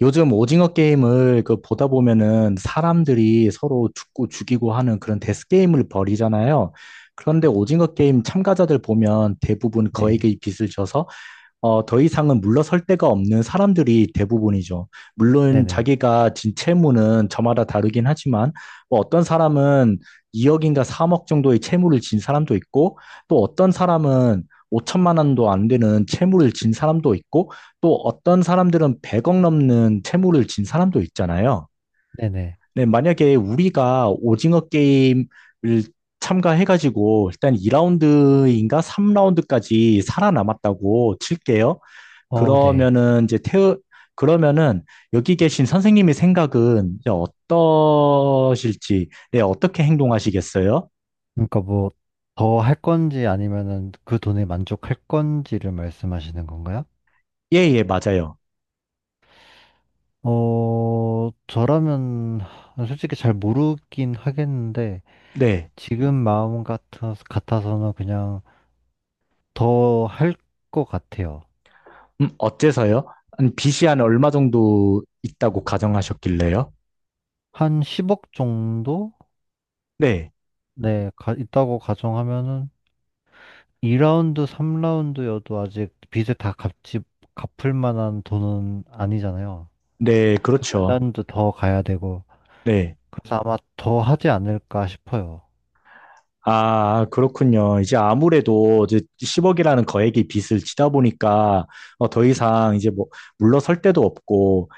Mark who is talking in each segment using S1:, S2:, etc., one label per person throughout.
S1: 요즘 오징어 게임을 그 보다 보면은 사람들이 서로 죽고 죽이고 하는 그런 데스 게임을 벌이잖아요. 그런데 오징어 게임 참가자들 보면 대부분
S2: 네,
S1: 거액의 빚을 져서 더 이상은 물러설 데가 없는 사람들이 대부분이죠. 물론
S2: 네네,
S1: 자기가 진 채무는 저마다 다르긴 하지만, 뭐 어떤 사람은 2억인가 3억 정도의 채무를 진 사람도 있고, 또 어떤 사람은 5천만 원도 안 되는 채무를 진 사람도 있고, 또 어떤 사람들은 100억 넘는 채무를 진 사람도 있잖아요.
S2: 네네.
S1: 네, 만약에 우리가 오징어 게임을 참가해가지고 일단 2라운드인가 3라운드까지 살아남았다고 칠게요.
S2: 네.
S1: 그러면은 이제 태우 그러면은 여기 계신 선생님의 생각은 이제 어떠실지, 네, 어떻게 행동하시겠어요?
S2: 그러니까 뭐, 더 할 건지 아니면은 그 돈에 만족할 건지를 말씀하시는 건가요?
S1: 예, 예, 맞아요.
S2: 저라면 솔직히 잘 모르긴 하겠는데,
S1: 네.
S2: 지금 마음 같아서는 그냥 더 할 것 같아요.
S1: 어째서요? 한 빚이 한 얼마 정도 있다고 가정하셨길래요?
S2: 한 10억 정도?
S1: 네,
S2: 네, 있다고 가정하면은 2라운드, 3라운드여도 아직 갚을 만한 돈은 아니잖아요.
S1: 네, 그렇죠.
S2: 핀란드 더 가야 되고
S1: 네.
S2: 그래서 아마 더 하지 않을까 싶어요.
S1: 아, 그렇군요. 이제 아무래도 이제 10억이라는 거액의 빚을 지다 보니까 더 이상 이제 뭐 물러설 데도 없고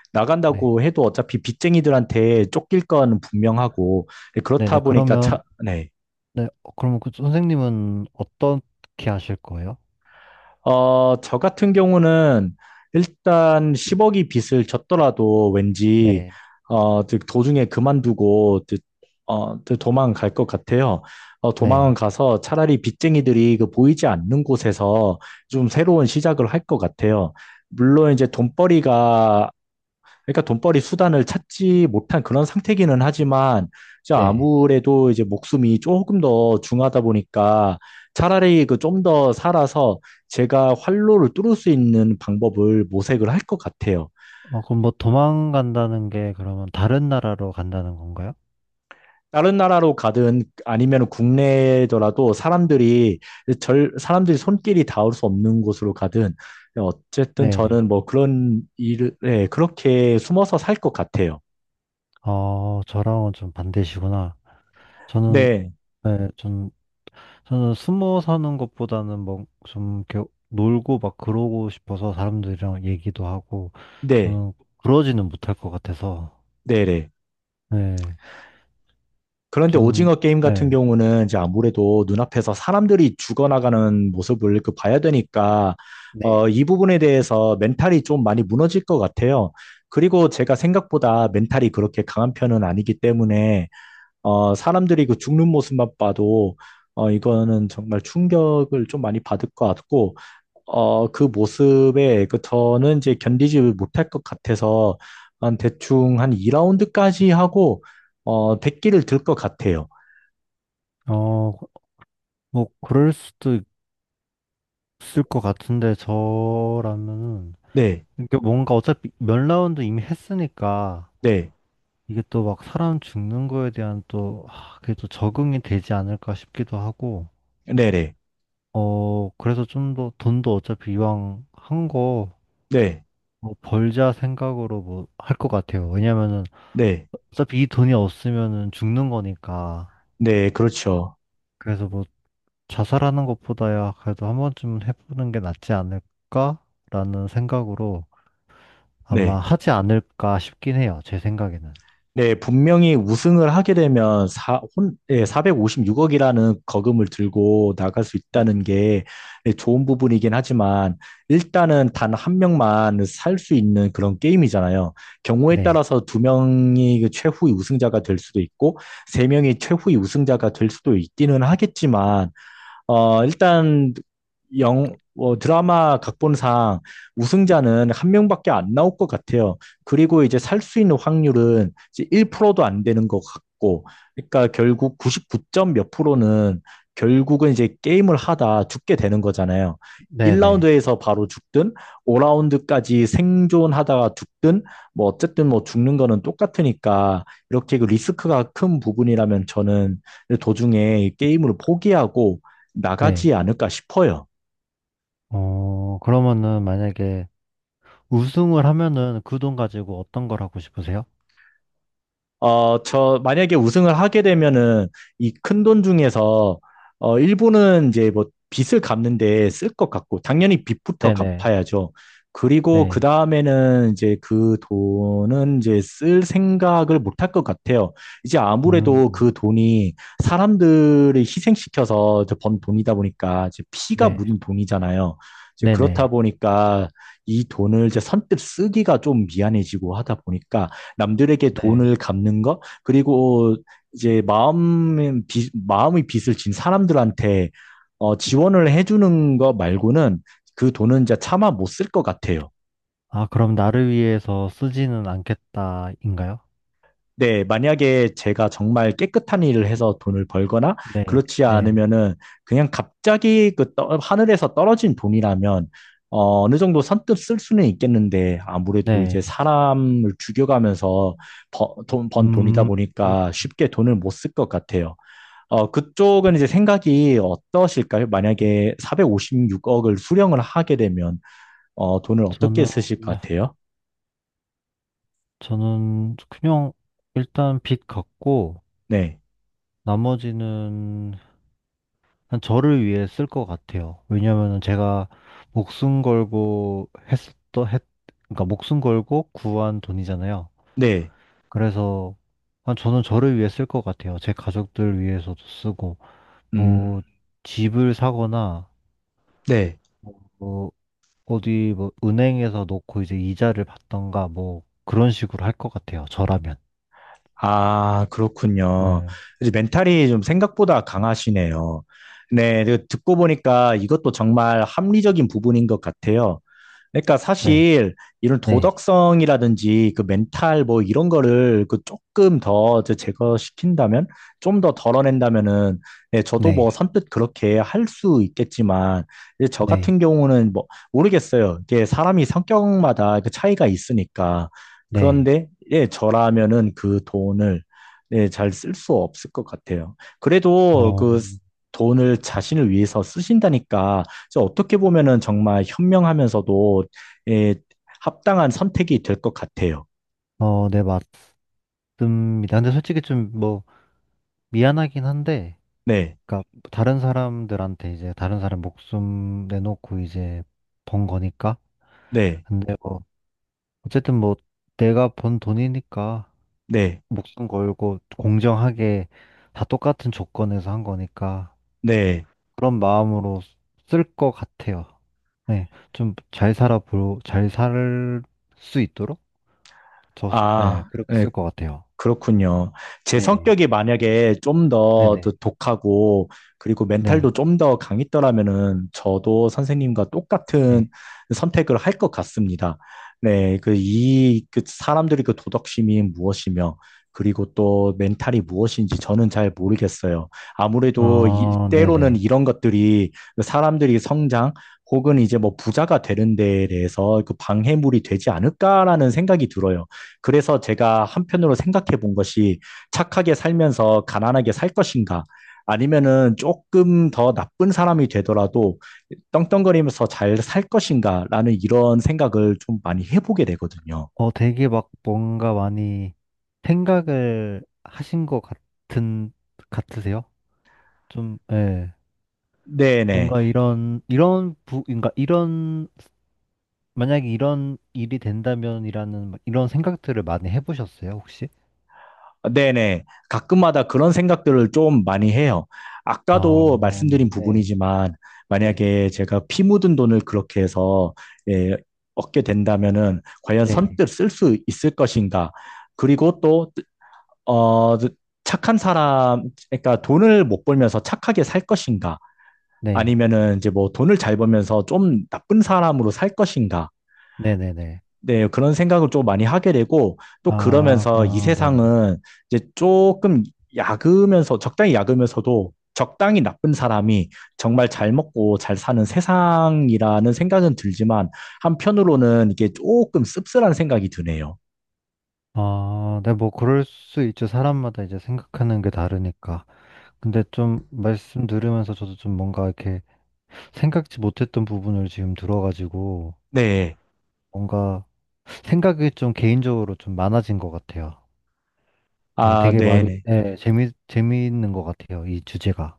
S2: 네,
S1: 나간다고 해도 어차피 빚쟁이들한테 쫓길 건 분명하고 예, 그렇다
S2: 네네.
S1: 보니까
S2: 그러면
S1: 네.
S2: 네. 그러면 그 선생님은 어떻게 하실 거예요?
S1: 저 같은 경우는 일단 10억이 빚을 졌더라도 왠지,
S2: 네,
S1: 어, 즉 도중에 그만두고, 즉, 어, 즉 도망갈 것 같아요. 도망은
S2: 네,
S1: 가서 차라리 빚쟁이들이 그 보이지 않는 곳에서 좀 새로운 시작을 할 것 같아요. 물론 이제 돈벌이가 그러니까 돈벌이 수단을 찾지 못한 그런 상태기는 하지만 이제
S2: 네.
S1: 아무래도 이제 목숨이 조금 더 중하다 보니까 차라리 그 좀 더 살아서 제가 활로를 뚫을 수 있는 방법을 모색을 할 것 같아요.
S2: 그럼 뭐 도망간다는 게 그러면 다른 나라로 간다는 건가요?
S1: 다른 나라로 가든 아니면 국내더라도 사람들이 절 사람들이 손길이 닿을 수 없는 곳으로 가든 어쨌든
S2: 네.
S1: 저는 뭐 그런 일을 네, 그렇게 숨어서 살 것 같아요.
S2: 저랑은 좀 반대시구나. 저는
S1: 네,
S2: 네, 전 저는 숨어 사는 것보다는 뭐 좀 이렇게 놀고 막 그러고 싶어서 사람들이랑 얘기도 하고
S1: 네,
S2: 저는 그러지는 못할 것 같아서.
S1: 네, 네.
S2: 네,
S1: 그런데
S2: 좀,
S1: 오징어 게임 같은
S2: 네.
S1: 경우는 이제 아무래도 눈앞에서 사람들이 죽어나가는 모습을 그 봐야 되니까
S2: 네.
S1: 이 부분에 대해서 멘탈이 좀 많이 무너질 것 같아요. 그리고 제가 생각보다 멘탈이 그렇게 강한 편은 아니기 때문에 사람들이 그 죽는 모습만 봐도 이거는 정말 충격을 좀 많이 받을 것 같고 그 모습에 그 저는 이제 견디지 못할 것 같아서 한 대충 한 2라운드까지 하고 1기를 들 것 같아요.
S2: 어, 그럴 수도 있을 것 같은데, 저라면은,
S1: 네,
S2: 이게 뭔가 어차피 몇 라운드 이미 했으니까,
S1: 네,
S2: 이게 또 막 사람 죽는 거에 대한 또, 그게 또 적응이 되지 않을까 싶기도 하고,
S1: 네 네, 네,
S2: 그래서 좀 더, 돈도 어차피 이왕 한 거,
S1: 네,
S2: 뭐 벌자 생각으로 뭐, 할 것 같아요. 왜냐면은,
S1: 네,
S2: 어차피 이 돈이 없으면은 죽는 거니까,
S1: 네, 그렇죠.
S2: 그래서 뭐, 자살하는 것보다야 그래도 한 번쯤은 해보는 게 낫지 않을까라는 생각으로 아마
S1: 네,
S2: 하지 않을까 싶긴 해요. 제 생각에는.
S1: 네, 분명히 우승을 하게 되면 네, 456억이라는 거금을 들고 나갈 수
S2: 네.
S1: 있다는 게 네, 좋은 부분이긴 하지만 일단은 단 한 명만 살 수 있는 그런 게임이잖아요. 경우에
S2: 네.
S1: 따라서 두 명이 그 최후의 우승자가 될 수도 있고 세 명이 최후의 우승자가 될 수도 있기는 하겠지만 일단 드라마 각본상 우승자는 한 명밖에 안 나올 것 같아요. 그리고 이제 살 수 있는 확률은 이제 1%도 안 되는 것 같고, 그러니까 결국 99점 몇 프로는 결국은 이제 게임을 하다 죽게 되는 거잖아요.
S2: 네네.
S1: 1라운드에서 바로 죽든, 5라운드까지 생존하다가 죽든, 뭐 어쨌든 뭐 죽는 거는 똑같으니까 이렇게 그 리스크가 큰 부분이라면 저는 도중에 게임을 포기하고 나가지
S2: 네.
S1: 않을까 싶어요.
S2: 그러면은 만약에 우승을 하면은 그 돈 가지고 어떤 걸 하고 싶으세요?
S1: 저, 만약에 우승을 하게 되면은 이 큰돈 중에서 일부는 이제 뭐 빚을 갚는데 쓸 것 같고, 당연히 빚부터
S2: 네네.
S1: 갚아야죠. 그리고 그
S2: 네.
S1: 다음에는 이제 그 돈은 이제 쓸 생각을 못할 것 같아요. 이제 아무래도
S2: 음,
S1: 그 돈이 사람들을 희생시켜서 이제 번 돈이다 보니까 이제 피가
S2: 네.
S1: 묻은 돈이잖아요. 이제 그렇다
S2: 네네.
S1: 보니까 이 돈을 이제 선뜻 쓰기가 좀 미안해지고 하다 보니까 남들에게
S2: 네.
S1: 돈을 갚는 거, 그리고 이제 마음의 빚을 진 사람들한테 지원을 해주는 거 말고는 그 돈은 이제 차마 못 쓸 것 같아요.
S2: 아, 그럼 나를 위해서 쓰지는 않겠다인가요?
S1: 네, 만약에 제가 정말 깨끗한 일을 해서 돈을 벌거나
S2: 네.
S1: 그렇지
S2: 네.
S1: 않으면은 그냥 갑자기 그 하늘에서 떨어진 돈이라면 어느 정도 선뜻 쓸 수는 있겠는데 아무래도 이제
S2: 네.
S1: 사람을 죽여가면서 번 돈이다
S2: 음,
S1: 보니까 쉽게 돈을 못 쓸 것 같아요. 그쪽은 이제 생각이 어떠실까요? 만약에 456억을 수령을 하게 되면, 돈을 어떻게
S2: 저는
S1: 쓰실 것 같아요?
S2: 저는 그냥 일단 빚 갚고
S1: 네.
S2: 나머지는 한 저를 위해 쓸 것 같아요. 왜냐면은 제가 목숨 걸고 했었던 했 그러니까 목숨 걸고 구한 돈이잖아요.
S1: 네.
S2: 그래서 한 저는 저를 위해 쓸 것 같아요. 제 가족들 위해서도 쓰고
S1: 음,
S2: 뭐 집을 사거나
S1: 네.
S2: 뭐 어디 뭐 은행에서 놓고 이제 이자를 받던가 뭐 그런 식으로 할 것 같아요. 저라면.
S1: 아, 그렇군요.
S2: 네.
S1: 이제 멘탈이 좀 생각보다 강하시네요. 네. 그 듣고 보니까 이것도 정말 합리적인 부분인 것 같아요. 그러니까
S2: 네.
S1: 사실 이런
S2: 네.
S1: 도덕성이라든지 그 멘탈 뭐 이런 거를 그 조금 더 이제 제거시킨다면 좀 더 덜어낸다면은 예, 저도 뭐
S2: 네.
S1: 선뜻 그렇게 할 수 있겠지만 이제 저
S2: 네.
S1: 같은 경우는 뭐 모르겠어요. 이게 사람이 성격마다 그 차이가 있으니까
S2: 네. 네.
S1: 그런데 예, 저라면은 그 돈을 예, 잘 쓸 수 없을 것 같아요. 그래도
S2: 어,
S1: 그 돈을 자신을 위해서 쓰신다니까 이제 어떻게 보면은 정말 현명하면서도 예, 합당한 선택이 될 것 같아요.
S2: 네, 맞습니다. 근데 솔직히 좀 뭐 미안하긴 한데,
S1: 네,
S2: 그러니까 다른 사람들한테 이제 다른 사람 목숨 내놓고 이제 번 거니까.
S1: 네,
S2: 근데 뭐 어쨌든 뭐 내가 번 돈이니까
S1: 네,
S2: 목숨 걸고 공정하게 다 똑같은 조건에서 한 거니까
S1: 네.
S2: 그런 마음으로 쓸 것 같아요. 네, 잘 살 수 있도록 저, 네,
S1: 아,
S2: 그렇게
S1: 네.
S2: 쓸 것 같아요.
S1: 그렇군요. 제
S2: 네,
S1: 성격이 만약에 좀 더
S2: 네네.
S1: 독하고 그리고
S2: 네,
S1: 멘탈도 좀 더 강했더라면은 저도 선생님과 똑같은
S2: 네.
S1: 선택을 할 것 같습니다. 네, 그 이 그 사람들이 그 도덕심이 무엇이며 그리고 또 멘탈이 무엇인지 저는 잘 모르겠어요. 아무래도
S2: 아,
S1: 때로는
S2: 네네.
S1: 이런 것들이 사람들이 성장 혹은 이제 뭐 부자가 되는 데에 대해서 그 방해물이 되지 않을까라는 생각이 들어요. 그래서 제가 한편으로 생각해 본 것이 착하게 살면서 가난하게 살 것인가? 아니면은 조금 더 나쁜 사람이 되더라도 떵떵거리면서 잘 살 것인가? 라는 이런 생각을 좀 많이 해보게 되거든요.
S2: 되게 막 뭔가 많이 생각을 하신 것 같은, 같으세요? 좀, 예.
S1: 네네.
S2: 뭔가 그러니까 이런, 만약에 이런 일이 된다면이라는 막 이런 생각들을 많이 해보셨어요, 혹시?
S1: 네네. 가끔마다 그런 생각들을 좀 많이 해요.
S2: 어,
S1: 아까도 말씀드린
S2: 네,
S1: 부분이지만
S2: 네,
S1: 만약에 제가 피 묻은 돈을 그렇게 해서 예, 얻게 된다면은 과연
S2: 네,
S1: 선뜻 쓸 수 있을 것인가? 그리고 또 어, 착한 사람, 그러니까 돈을 못 벌면서 착하게 살 것인가?
S2: 네,
S1: 아니면은 이제 뭐 돈을 잘 벌면서 좀 나쁜 사람으로 살 것인가?
S2: 네네네.
S1: 네, 그런 생각을 좀 많이 하게 되고, 또
S2: 아,
S1: 그러면서 이
S2: 아, 네.
S1: 세상은 이제 조금 적당히 약으면서도 적당히 나쁜 사람이 정말 잘 먹고 잘 사는 세상이라는 생각은 들지만, 한편으로는 이게 조금 씁쓸한 생각이 드네요.
S2: 아, 네, 뭐, 그럴 수 있죠. 사람마다 이제 생각하는 게 다르니까. 근데 좀 말씀 들으면서 저도 좀 뭔가 이렇게 생각지 못했던 부분을 지금 들어가지고
S1: 네.
S2: 뭔가 생각이 좀 개인적으로 좀 많아진 것 같아요. 네,
S1: 아, 네네.
S2: 네, 재미있는 것 같아요. 이 주제가.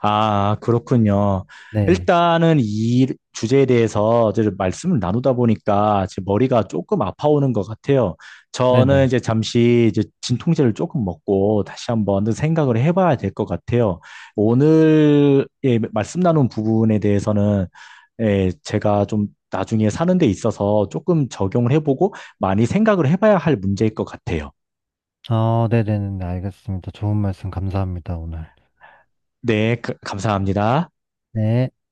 S1: 아, 그렇군요.
S2: 네.
S1: 일단은 이 주제에 대해서 이제 말씀을 나누다 보니까 제 머리가 조금 아파오는 것 같아요. 저는
S2: 네네.
S1: 이제 잠시 이제 진통제를 조금 먹고 다시 한번 생각을 해봐야 될 것 같아요. 오늘 예, 말씀 나눈 부분에 대해서는 예, 제가 좀 나중에 사는 데 있어서 조금 적용을 해보고 많이 생각을 해봐야 할 문제일 것 같아요.
S2: 아, 네네네. 알겠습니다. 좋은 말씀 감사합니다, 오늘.
S1: 네, 감사합니다.
S2: 네.